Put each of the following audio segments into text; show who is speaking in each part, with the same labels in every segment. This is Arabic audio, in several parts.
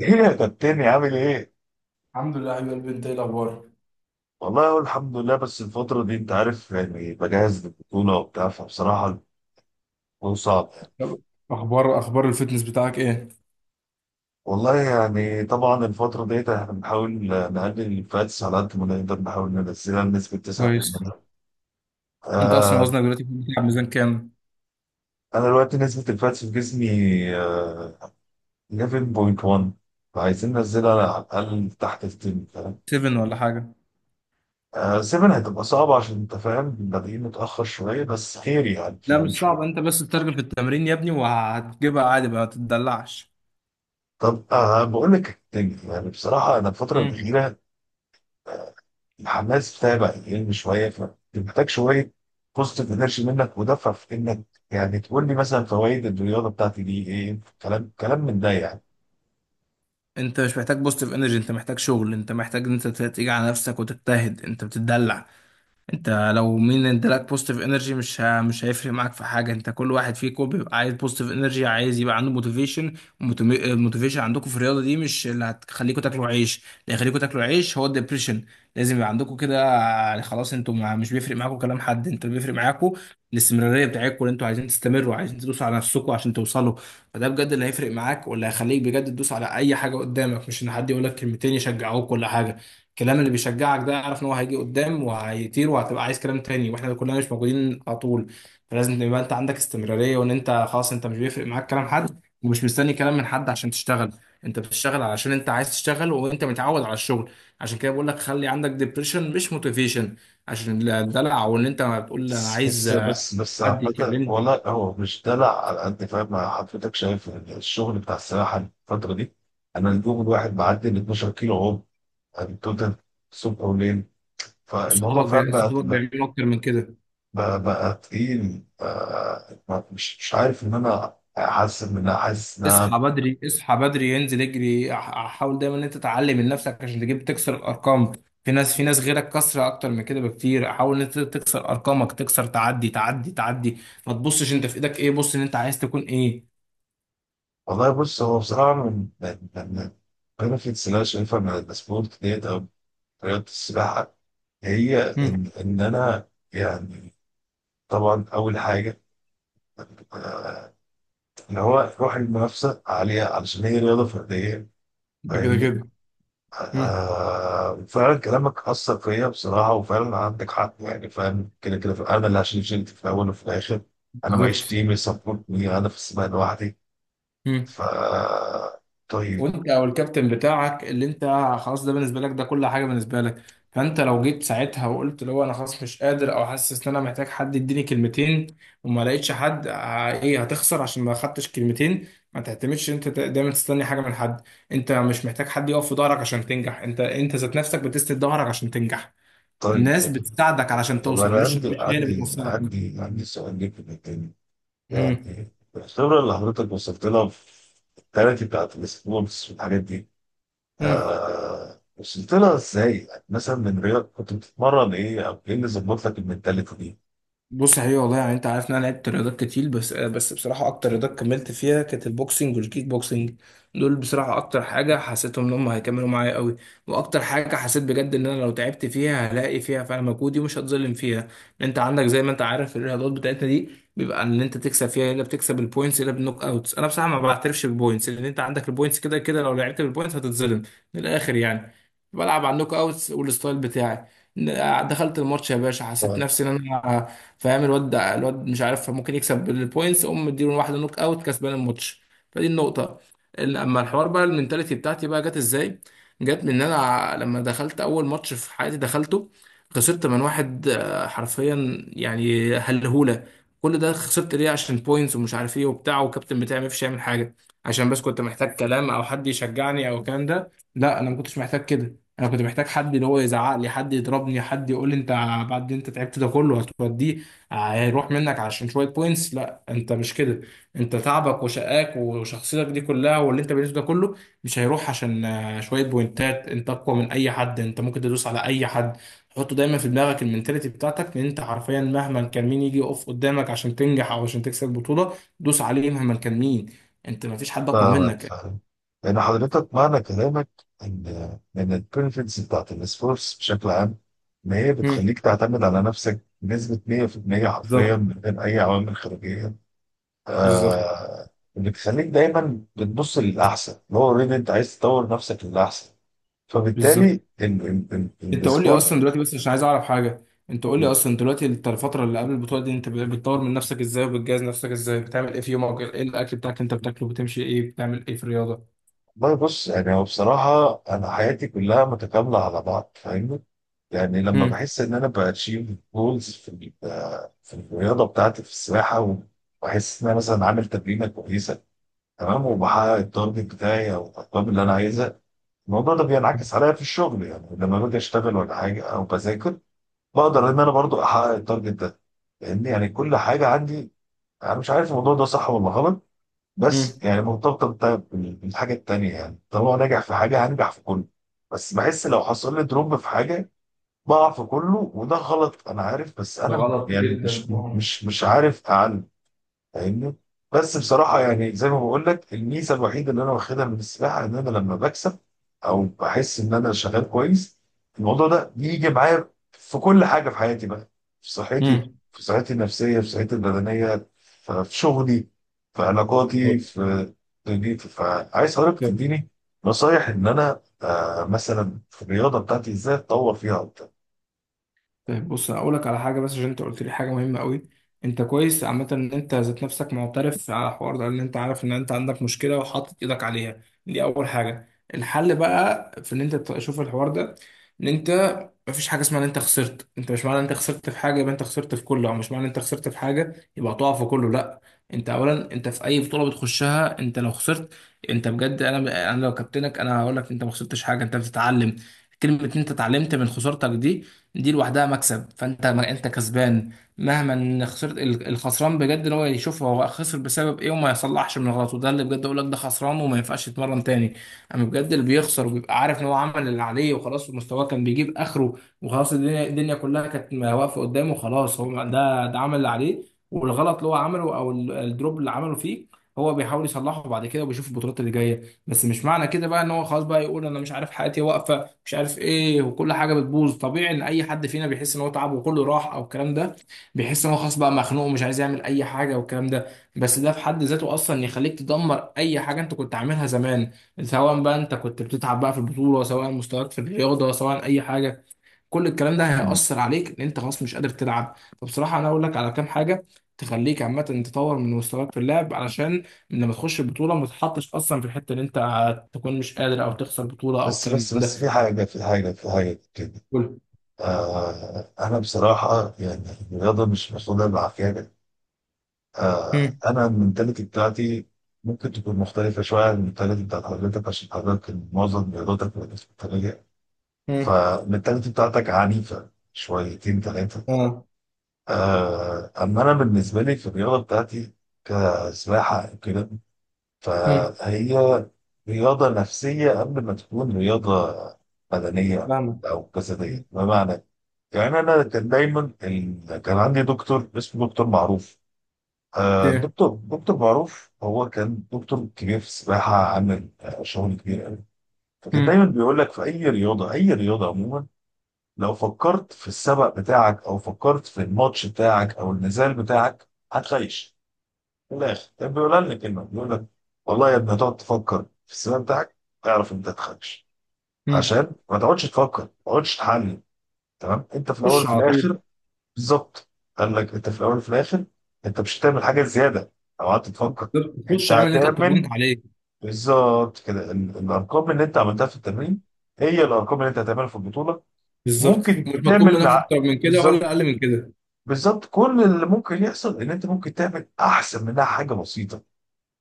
Speaker 1: ايه يا كابتن عامل ايه؟
Speaker 2: الحمد لله يا حبيب قلبي، انت ايه الاخبار؟
Speaker 1: والله اقول الحمد لله، بس الفترة دي انت عارف، يعني بجهز للبطولة وبتاع، فبصراحة الموضوع صعب.
Speaker 2: طب، اخبار الفتنس بتاعك ايه؟
Speaker 1: والله يعني طبعا الفترة ديت احنا بنحاول نقلل الفاتس على قد ما نقدر، نحاول ننزلها لنسبة
Speaker 2: كويس.
Speaker 1: 9%.
Speaker 2: انت اصلا
Speaker 1: آه،
Speaker 2: وزنك دلوقتي بتلعب ميزان كام؟
Speaker 1: انا دلوقتي نسبة الفاتس في جسمي آه 11.1. فعايزين ننزلها على الأقل تحت ال 10، فاهم؟
Speaker 2: 7 ولا حاجه؟
Speaker 1: آه، 7 هتبقى صعبة عشان انت فاهم، بادئين متأخر شوية بس خير يعني،
Speaker 2: لا مش
Speaker 1: فاهم؟
Speaker 2: صعب، انت بس تترجم في التمرين يا ابني وهتجيبها عادي بقى، ما تتدلعش.
Speaker 1: طب بقول لك، يعني بصراحه انا الفتره
Speaker 2: امم
Speaker 1: الاخيره الحماس بتاعي بقى يقل شويه، فمحتاج شويه بوزيتيف انرجي منك ودفع في انك، يعني تقول لي مثلا فوائد الرياضه بتاعتي دي ايه، كلام كلام من ده يعني.
Speaker 2: انت مش محتاج بوزيتيف انرجي، انت محتاج شغل، انت محتاج ان انت تيجي على نفسك وتجتهد، انت بتتدلع. انت لو مين انت لك بوزيتيف انرجي مش هيفرق معاك في حاجه. انت كل واحد فيكم بيبقى عايز بوزيتيف انرجي، عايز يبقى عنده موتيفيشن. الموتيفيشن عندكم في الرياضه دي مش اللي هتخليكم تاكلوا عيش، اللي هيخليكم تاكلوا عيش هو الدبريشن. لازم يبقى عندكم كده، يعني خلاص انتوا ما... مش بيفرق معاكم كلام حد، انتوا بيفرق معاكم الاستمراريه بتاعتكم، اللي انتوا عايزين تستمروا، عايزين تدوسوا على نفسكم عشان توصلوا. فده بجد اللي هيفرق معاك واللي هيخليك بجد تدوس على اي حاجه قدامك، مش ان حد يقول لك كلمتين يشجعوك ولا حاجه. الكلام اللي بيشجعك ده اعرف ان هو هيجي قدام وهيطير وهتبقى عايز كلام تاني، واحنا كلنا مش موجودين على طول. فلازم يبقى انت عندك استمرارية، وان انت خلاص انت مش بيفرق معاك كلام حد ومش مستني كلام من حد عشان تشتغل. انت بتشتغل علشان انت عايز تشتغل، وانت متعود على الشغل. عشان كده بقول لك خلي عندك ديبريشن مش موتيفيشن، عشان الدلع وان انت ما بتقول انا
Speaker 1: بس
Speaker 2: عايز
Speaker 1: بس بس بس
Speaker 2: حد
Speaker 1: عامة،
Speaker 2: يكلمني.
Speaker 1: والله هو مش دلع على قد فاهم. مع حضرتك شايف الشغل بتاع السباحه الفتره دي، انا اليوم الواحد بعدي ال 12 كيلو عوم، يعني توتال، الصبح وليل. فالموضوع فاهم بقى.
Speaker 2: صحابك بيعملوا اكتر من كده.
Speaker 1: بقى تقيل بقى، مش عارف ان انا احسن منها، حاسس انها.
Speaker 2: اصحى بدري، اصحى بدري، انزل اجري، حاول دايما ان انت تعلم من نفسك عشان تجيب تكسر الارقام. في ناس غيرك كسره اكتر من كده بكتير، حاول ان انت تكسر ارقامك، تكسر، تعدي تعدي تعدي. ما تبصش انت في ايدك ايه، بص ان انت عايز تكون ايه.
Speaker 1: والله بص، هو بصراحه من البنفيتس اللي انا شايفها من السبورت ديت، او رياضه السباحه، هي
Speaker 2: مم.
Speaker 1: ان انا يعني طبعا اول حاجه، آه، اللي هو روح المنافسه عليها علشان هي رياضه فرديه،
Speaker 2: ده كده
Speaker 1: فاهمني.
Speaker 2: كده. مم.
Speaker 1: آه، فعلا كلامك أثر فيا بصراحة، وفعلا عندك حق يعني، فاهم كده كده. أنا اللي هشيل شيلتي في الأول وفي الآخر، أنا معيش
Speaker 2: بالظبط.
Speaker 1: تيم يسبورتني، أنا في السباق لوحدي.
Speaker 2: مم.
Speaker 1: ف طيب،
Speaker 2: وانت او الكابتن بتاعك اللي انت خلاص، ده بالنسبه لك، ده كل حاجه بالنسبه لك. فانت لو جيت ساعتها وقلت لو انا خلاص مش قادر او حاسس ان انا محتاج حد يديني كلمتين وما لقيتش حد ايه، هتخسر عشان ما خدتش كلمتين؟ ما تعتمدش انت دايما تستني حاجه من حد. انت مش محتاج حد يقف في ظهرك عشان تنجح، انت ذات نفسك بتسند ظهرك عشان تنجح.
Speaker 1: طيب.
Speaker 2: الناس بتساعدك علشان
Speaker 1: طب
Speaker 2: توصل،
Speaker 1: أنا
Speaker 2: مش
Speaker 1: عندي
Speaker 2: مش هي اللي
Speaker 1: عندي
Speaker 2: بتوصلك.
Speaker 1: عندي عندي سؤال ليك في التاني، يعني الخبرة اللي حضرتك وصلت لها في التالتي بتاعت السبورتس والحاجات دي،
Speaker 2: امم
Speaker 1: آه وصلت لها إزاي؟ يعني مثلا من رياضة كنت بتتمرن إيه، أو إيه اللي ظبط لك المنتاليتي دي؟
Speaker 2: بص حقيقي والله، يعني انت عارف ان انا لعبت رياضات كتير، بس بصراحه اكتر رياضات كملت فيها كانت البوكسنج والكيك بوكسنج. دول بصراحه اكتر حاجه حسيتهم ان هم هيكملوا معايا قوي، واكتر حاجه حسيت بجد ان انا لو تعبت فيها هلاقي فيها فعلا مجهودي ومش هتظلم فيها. انت عندك زي ما انت عارف الرياضات بتاعتنا دي بيبقى ان انت تكسب فيها الا بتكسب البوينتس الا بالنوك اوتس. انا بصراحه ما بعترفش بالبوينتس، لان انت عندك البوينتس كده كده لو لعبت بالبوينتس هتتظلم، من الاخر يعني. بلعب على النوك اوتس والستايل بتاعي. دخلت الماتش يا باشا، حسيت نفسي ان انا فاهم الواد ده، الواد مش عارف ممكن يكسب بالبوينتس، قوم مديله واحده نوك اوت كسبان الماتش. فدي النقطه. اما الحوار بقى المنتاليتي بتاعتي بقى جت ازاي؟ جت من ان انا لما دخلت اول ماتش في حياتي دخلته، خسرت من واحد حرفيا يعني هلهوله. كل ده خسرت ليه؟ عشان بوينتس ومش عارف ايه وبتاع، والكابتن بتاعي ما فيش يعمل حاجه، عشان بس كنت محتاج كلام او حد يشجعني او الكلام ده. لا انا ما كنتش محتاج كده، انا كنت محتاج حد اللي هو يزعق لي، حد يضربني، حد يقول لي انت بعد انت تعبت ده كله هتوديه؟ هيروح منك عشان شويه بوينتس؟ لا انت مش كده. انت تعبك وشقاك وشخصيتك دي كلها واللي انت بنيته ده كله مش هيروح عشان شويه بوينتات. انت اقوى من اي حد، انت ممكن تدوس على اي حد. حطه دايما في دماغك المنتاليتي بتاعتك ان انت حرفيا مهما كان مين يجي يقف قدامك عشان تنجح او عشان تكسب بطوله، دوس عليه مهما كان مين. انت مفيش حد اقوى
Speaker 1: فاهمك
Speaker 2: منك.
Speaker 1: فاهم، لأن حضرتك معنى كلامك إن إن البنفيتس بتاعت السبورتس بشكل عام، إن هي
Speaker 2: مم.
Speaker 1: بتخليك تعتمد على نفسك بنسبة 100% حرفيا
Speaker 2: بالظبط.
Speaker 1: من غير أي عوامل خارجية.
Speaker 2: بالظبط.
Speaker 1: آه، اللي بتخليك دايما بتبص للأحسن، اللي هو أوريدي أنت عايز تطور نفسك للأحسن. فبالتالي
Speaker 2: بالظبط.
Speaker 1: ال-
Speaker 2: انت قول لي
Speaker 1: السبورت.
Speaker 2: اصلا دلوقتي بس عشان عايز اعرف حاجه. انت قول لي اصلا دلوقتي الفتره اللي قبل البطوله دي انت بتطور من نفسك ازاي وبتجهز نفسك ازاي؟ بتعمل ايه في يومك؟ ايه الاكل بتاعك اللي انت بتاكله؟ بتمشي ايه؟ بتعمل ايه في الرياضه؟
Speaker 1: والله بص، يعني هو بصراحة أنا حياتي كلها متكاملة على بعض، فاهمني. يعني لما
Speaker 2: امم.
Speaker 1: بحس ان انا باتشيف جولز في الرياضه بتاعتي في السباحه، وبحس ان انا مثلا عامل تمرينه كويسه، تمام، وبحقق التارجت بتاعي او الارقام اللي انا عايزها، الموضوع ده بينعكس عليا في الشغل، يعني لما باجي اشتغل ولا حاجه او بذاكر، بقدر ان انا برضو احقق التارجت ده، لان يعني كل حاجه عندي، انا مش عارف الموضوع ده صح ولا غلط، بس
Speaker 2: امم.
Speaker 1: يعني مرتبطه بالحاجه التانيه، يعني طالما ناجح في حاجه هنجح في كله. بس بحس لو حصل لي دروب في حاجه، بقع في كله، وده غلط انا عارف، بس
Speaker 2: ده
Speaker 1: انا
Speaker 2: غلط
Speaker 1: يعني
Speaker 2: جدا.
Speaker 1: مش عارف اعلم، فاهمني. بس بصراحه يعني زي ما بقول لك، الميزه الوحيده اللي انا واخدها من السباحه ان انا لما بكسب او بحس ان انا شغال كويس، الموضوع ده بيجي معايا في كل حاجه في حياتي بقى، في صحتي،
Speaker 2: امم.
Speaker 1: في صحتي النفسيه، في صحتي البدنيه، في شغلي، في علاقاتي،
Speaker 2: طيب.
Speaker 1: في دنيتي، فعايز حضرتك
Speaker 2: طيب.
Speaker 1: تديني نصايح ان انا مثلا في الرياضه بتاعتي ازاي اتطور فيها اكتر.
Speaker 2: طيب، بص اقول لك على حاجه، بس عشان انت قلت لي حاجه مهمه قوي. انت كويس عامه ان انت ذات نفسك معترف على الحوار ده، ان انت عارف ان انت عندك مشكله وحاطط ايدك عليها، دي اول حاجه. الحل بقى في ان انت تشوف الحوار ده، ان انت مفيش حاجه اسمها ان انت خسرت، انت مش معنى ان انت خسرت في حاجه يبقى انت خسرت في كله، او مش معنى ان انت خسرت في حاجه يبقى هتقع في كله، لا. انت اولا انت في اي بطوله بتخشها انت لو خسرت، انت بجد انا لو كابتنك انا هقول لك انت ما خسرتش حاجه، انت بتتعلم. كلمه ان انت اتعلمت من خسارتك دي، دي لوحدها مكسب، فانت ما انت كسبان. مهما ان خسرت الخسران بجد ان هو يشوف هو خسر بسبب ايه وما يصلحش من غلطه، ده اللي بجد اقول لك ده خسران وما ينفعش يتمرن تاني. اما بجد اللي بيخسر وبيبقى عارف ان هو عمل اللي عليه وخلاص، مستواه كان بيجيب اخره وخلاص، الدنيا كلها كانت واقفه قدامه خلاص، هو ده عمل اللي عليه. والغلط اللي هو عمله او الدروب اللي عمله فيه هو بيحاول يصلحه بعد كده وبيشوف البطولات اللي جايه. بس مش معنى كده بقى ان هو خلاص بقى يقول انا مش عارف، حياتي واقفه، مش عارف ايه، وكل حاجه بتبوظ. طبيعي ان اي حد فينا بيحس ان هو تعب وكله راح او الكلام ده، بيحس ان هو خلاص بقى مخنوق ومش عايز يعمل اي حاجه والكلام ده. بس ده في حد ذاته اصلا يخليك تدمر اي حاجه انت كنت عاملها زمان، سواء بقى انت كنت بتتعب بقى في البطوله، سواء مستواك في الرياضه، سواء اي حاجه. كل الكلام ده هيأثر عليك ان انت خلاص مش قادر تلعب. فبصراحة انا اقول لك على كام حاجة تخليك عامة تطور من مستواك في اللعب، علشان لما تخش البطولة ما تتحطش اصلا في الحتة ان انت تكون مش قادر او تخسر بطولة او
Speaker 1: بس
Speaker 2: الكلام
Speaker 1: بس
Speaker 2: ده.
Speaker 1: بس، في حاجة كده،
Speaker 2: قول.
Speaker 1: آه أنا بصراحة يعني الرياضة مش محسوبة بالعافية. آه
Speaker 2: مم.
Speaker 1: أنا المنتاليتي بتاعتي ممكن تكون مختلفة شوية عن المنتاليتي بتاعت حضرتك عشان حضرتك معظم رياضتك مختلفة،
Speaker 2: مم.
Speaker 1: فالمنتاليتي بتاعتك عنيفة شويتين ثلاثة.
Speaker 2: اه.
Speaker 1: آه، أما أنا بالنسبة لي في الرياضة بتاعتي، كسباحة أو كده،
Speaker 2: مم.
Speaker 1: فهي رياضة نفسية قبل ما تكون رياضة بدنية
Speaker 2: فاهمك.
Speaker 1: أو
Speaker 2: مم.
Speaker 1: جسدية. بمعنى، يعني انا كان دايما كان عندي دكتور اسمه دكتور معروف. آه،
Speaker 2: اوكي.
Speaker 1: دكتور معروف هو كان دكتور كبير في السباحه، عامل شغل كبير قوي. فكان
Speaker 2: مم.
Speaker 1: دايما بيقول لك في اي رياضه اي رياضه عموما، لو فكرت في السبق بتاعك او فكرت في الماتش بتاعك او النزال بتاعك، هتخيش. من الاخر كان بيقول لنا كلمه، بيقول لك والله يا ابني هتقعد تفكر في السباق بتاعك، اعرف انت هتخيش.
Speaker 2: مم.
Speaker 1: عشان ما تقعدش تفكر، ما تقعدش تحلل. تمام، انت في الاول
Speaker 2: خش
Speaker 1: وفي
Speaker 2: على طول.
Speaker 1: الاخر. بالظبط. قال لك انت في الاول وفي الاخر، انت مش هتعمل حاجه زياده او قعدت تفكر، انت
Speaker 2: خش اعمل اللي انت اتمرنت
Speaker 1: هتعمل.
Speaker 2: عليه.
Speaker 1: بالظبط كده، الارقام اللي انت عملتها في التمرين هي الارقام اللي انت هتعملها في البطوله.
Speaker 2: بالظبط
Speaker 1: ممكن
Speaker 2: مش مطلوب
Speaker 1: تعمل
Speaker 2: منك
Speaker 1: مع،
Speaker 2: اكتر من كده ولا
Speaker 1: بالظبط،
Speaker 2: اقل من كده.
Speaker 1: بالظبط كل اللي ممكن يحصل ان انت ممكن تعمل احسن منها حاجه بسيطه،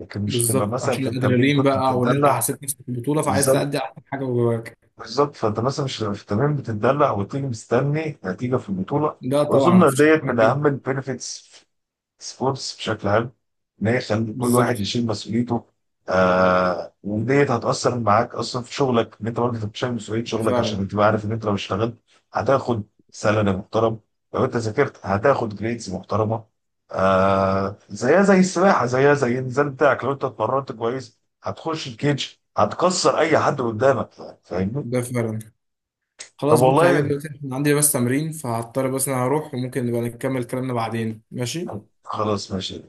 Speaker 1: لكن مش تبقى
Speaker 2: بالظبط،
Speaker 1: مثلا
Speaker 2: عشان
Speaker 1: في التمرين
Speaker 2: الادرينالين
Speaker 1: كنت
Speaker 2: بقى وان انت
Speaker 1: بتتدلع.
Speaker 2: حسيت نفسك في البطوله فعايز تأدي
Speaker 1: بالظبط.
Speaker 2: احسن حاجه جواك.
Speaker 1: بالظبط، فانت مثلا مش هتبقى في التمرين بتتدلع وتيجي مستني نتيجه في البطوله.
Speaker 2: لا طبعا
Speaker 1: واظن
Speaker 2: مفيش حاجة
Speaker 1: ديت
Speaker 2: اسمها
Speaker 1: من
Speaker 2: كده.
Speaker 1: اهم البينفيتس سبورتس بشكل عام، ان هي تخلي كل واحد
Speaker 2: بالظبط.
Speaker 1: يشيل مسؤوليته. آه وديت هتأثر معاك اصلا في شغلك، ان انت برضه بتشيل مسؤولية
Speaker 2: ده
Speaker 1: شغلك، عشان
Speaker 2: فعلا.
Speaker 1: انت عارف ان انت لو اشتغلت هتاخد سالري محترم، لو انت ذاكرت هتاخد جريدز محترمة، آه زيها زي السباحة، زيها زي النزال بتاعك، لو انت اتمرنت كويس هتخش الكيج، هتكسر اي حد قدامك، فاهمني؟
Speaker 2: ده فعلا.
Speaker 1: طب
Speaker 2: خلاص بص يا حبيبي،
Speaker 1: والله،
Speaker 2: دلوقتي احنا عندي بس تمرين فهضطر بس انا هروح، وممكن نبقى نكمل كلامنا بعدين، ماشي؟
Speaker 1: خلاص ماشي.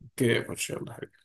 Speaker 2: اوكي يا باشا، يلا.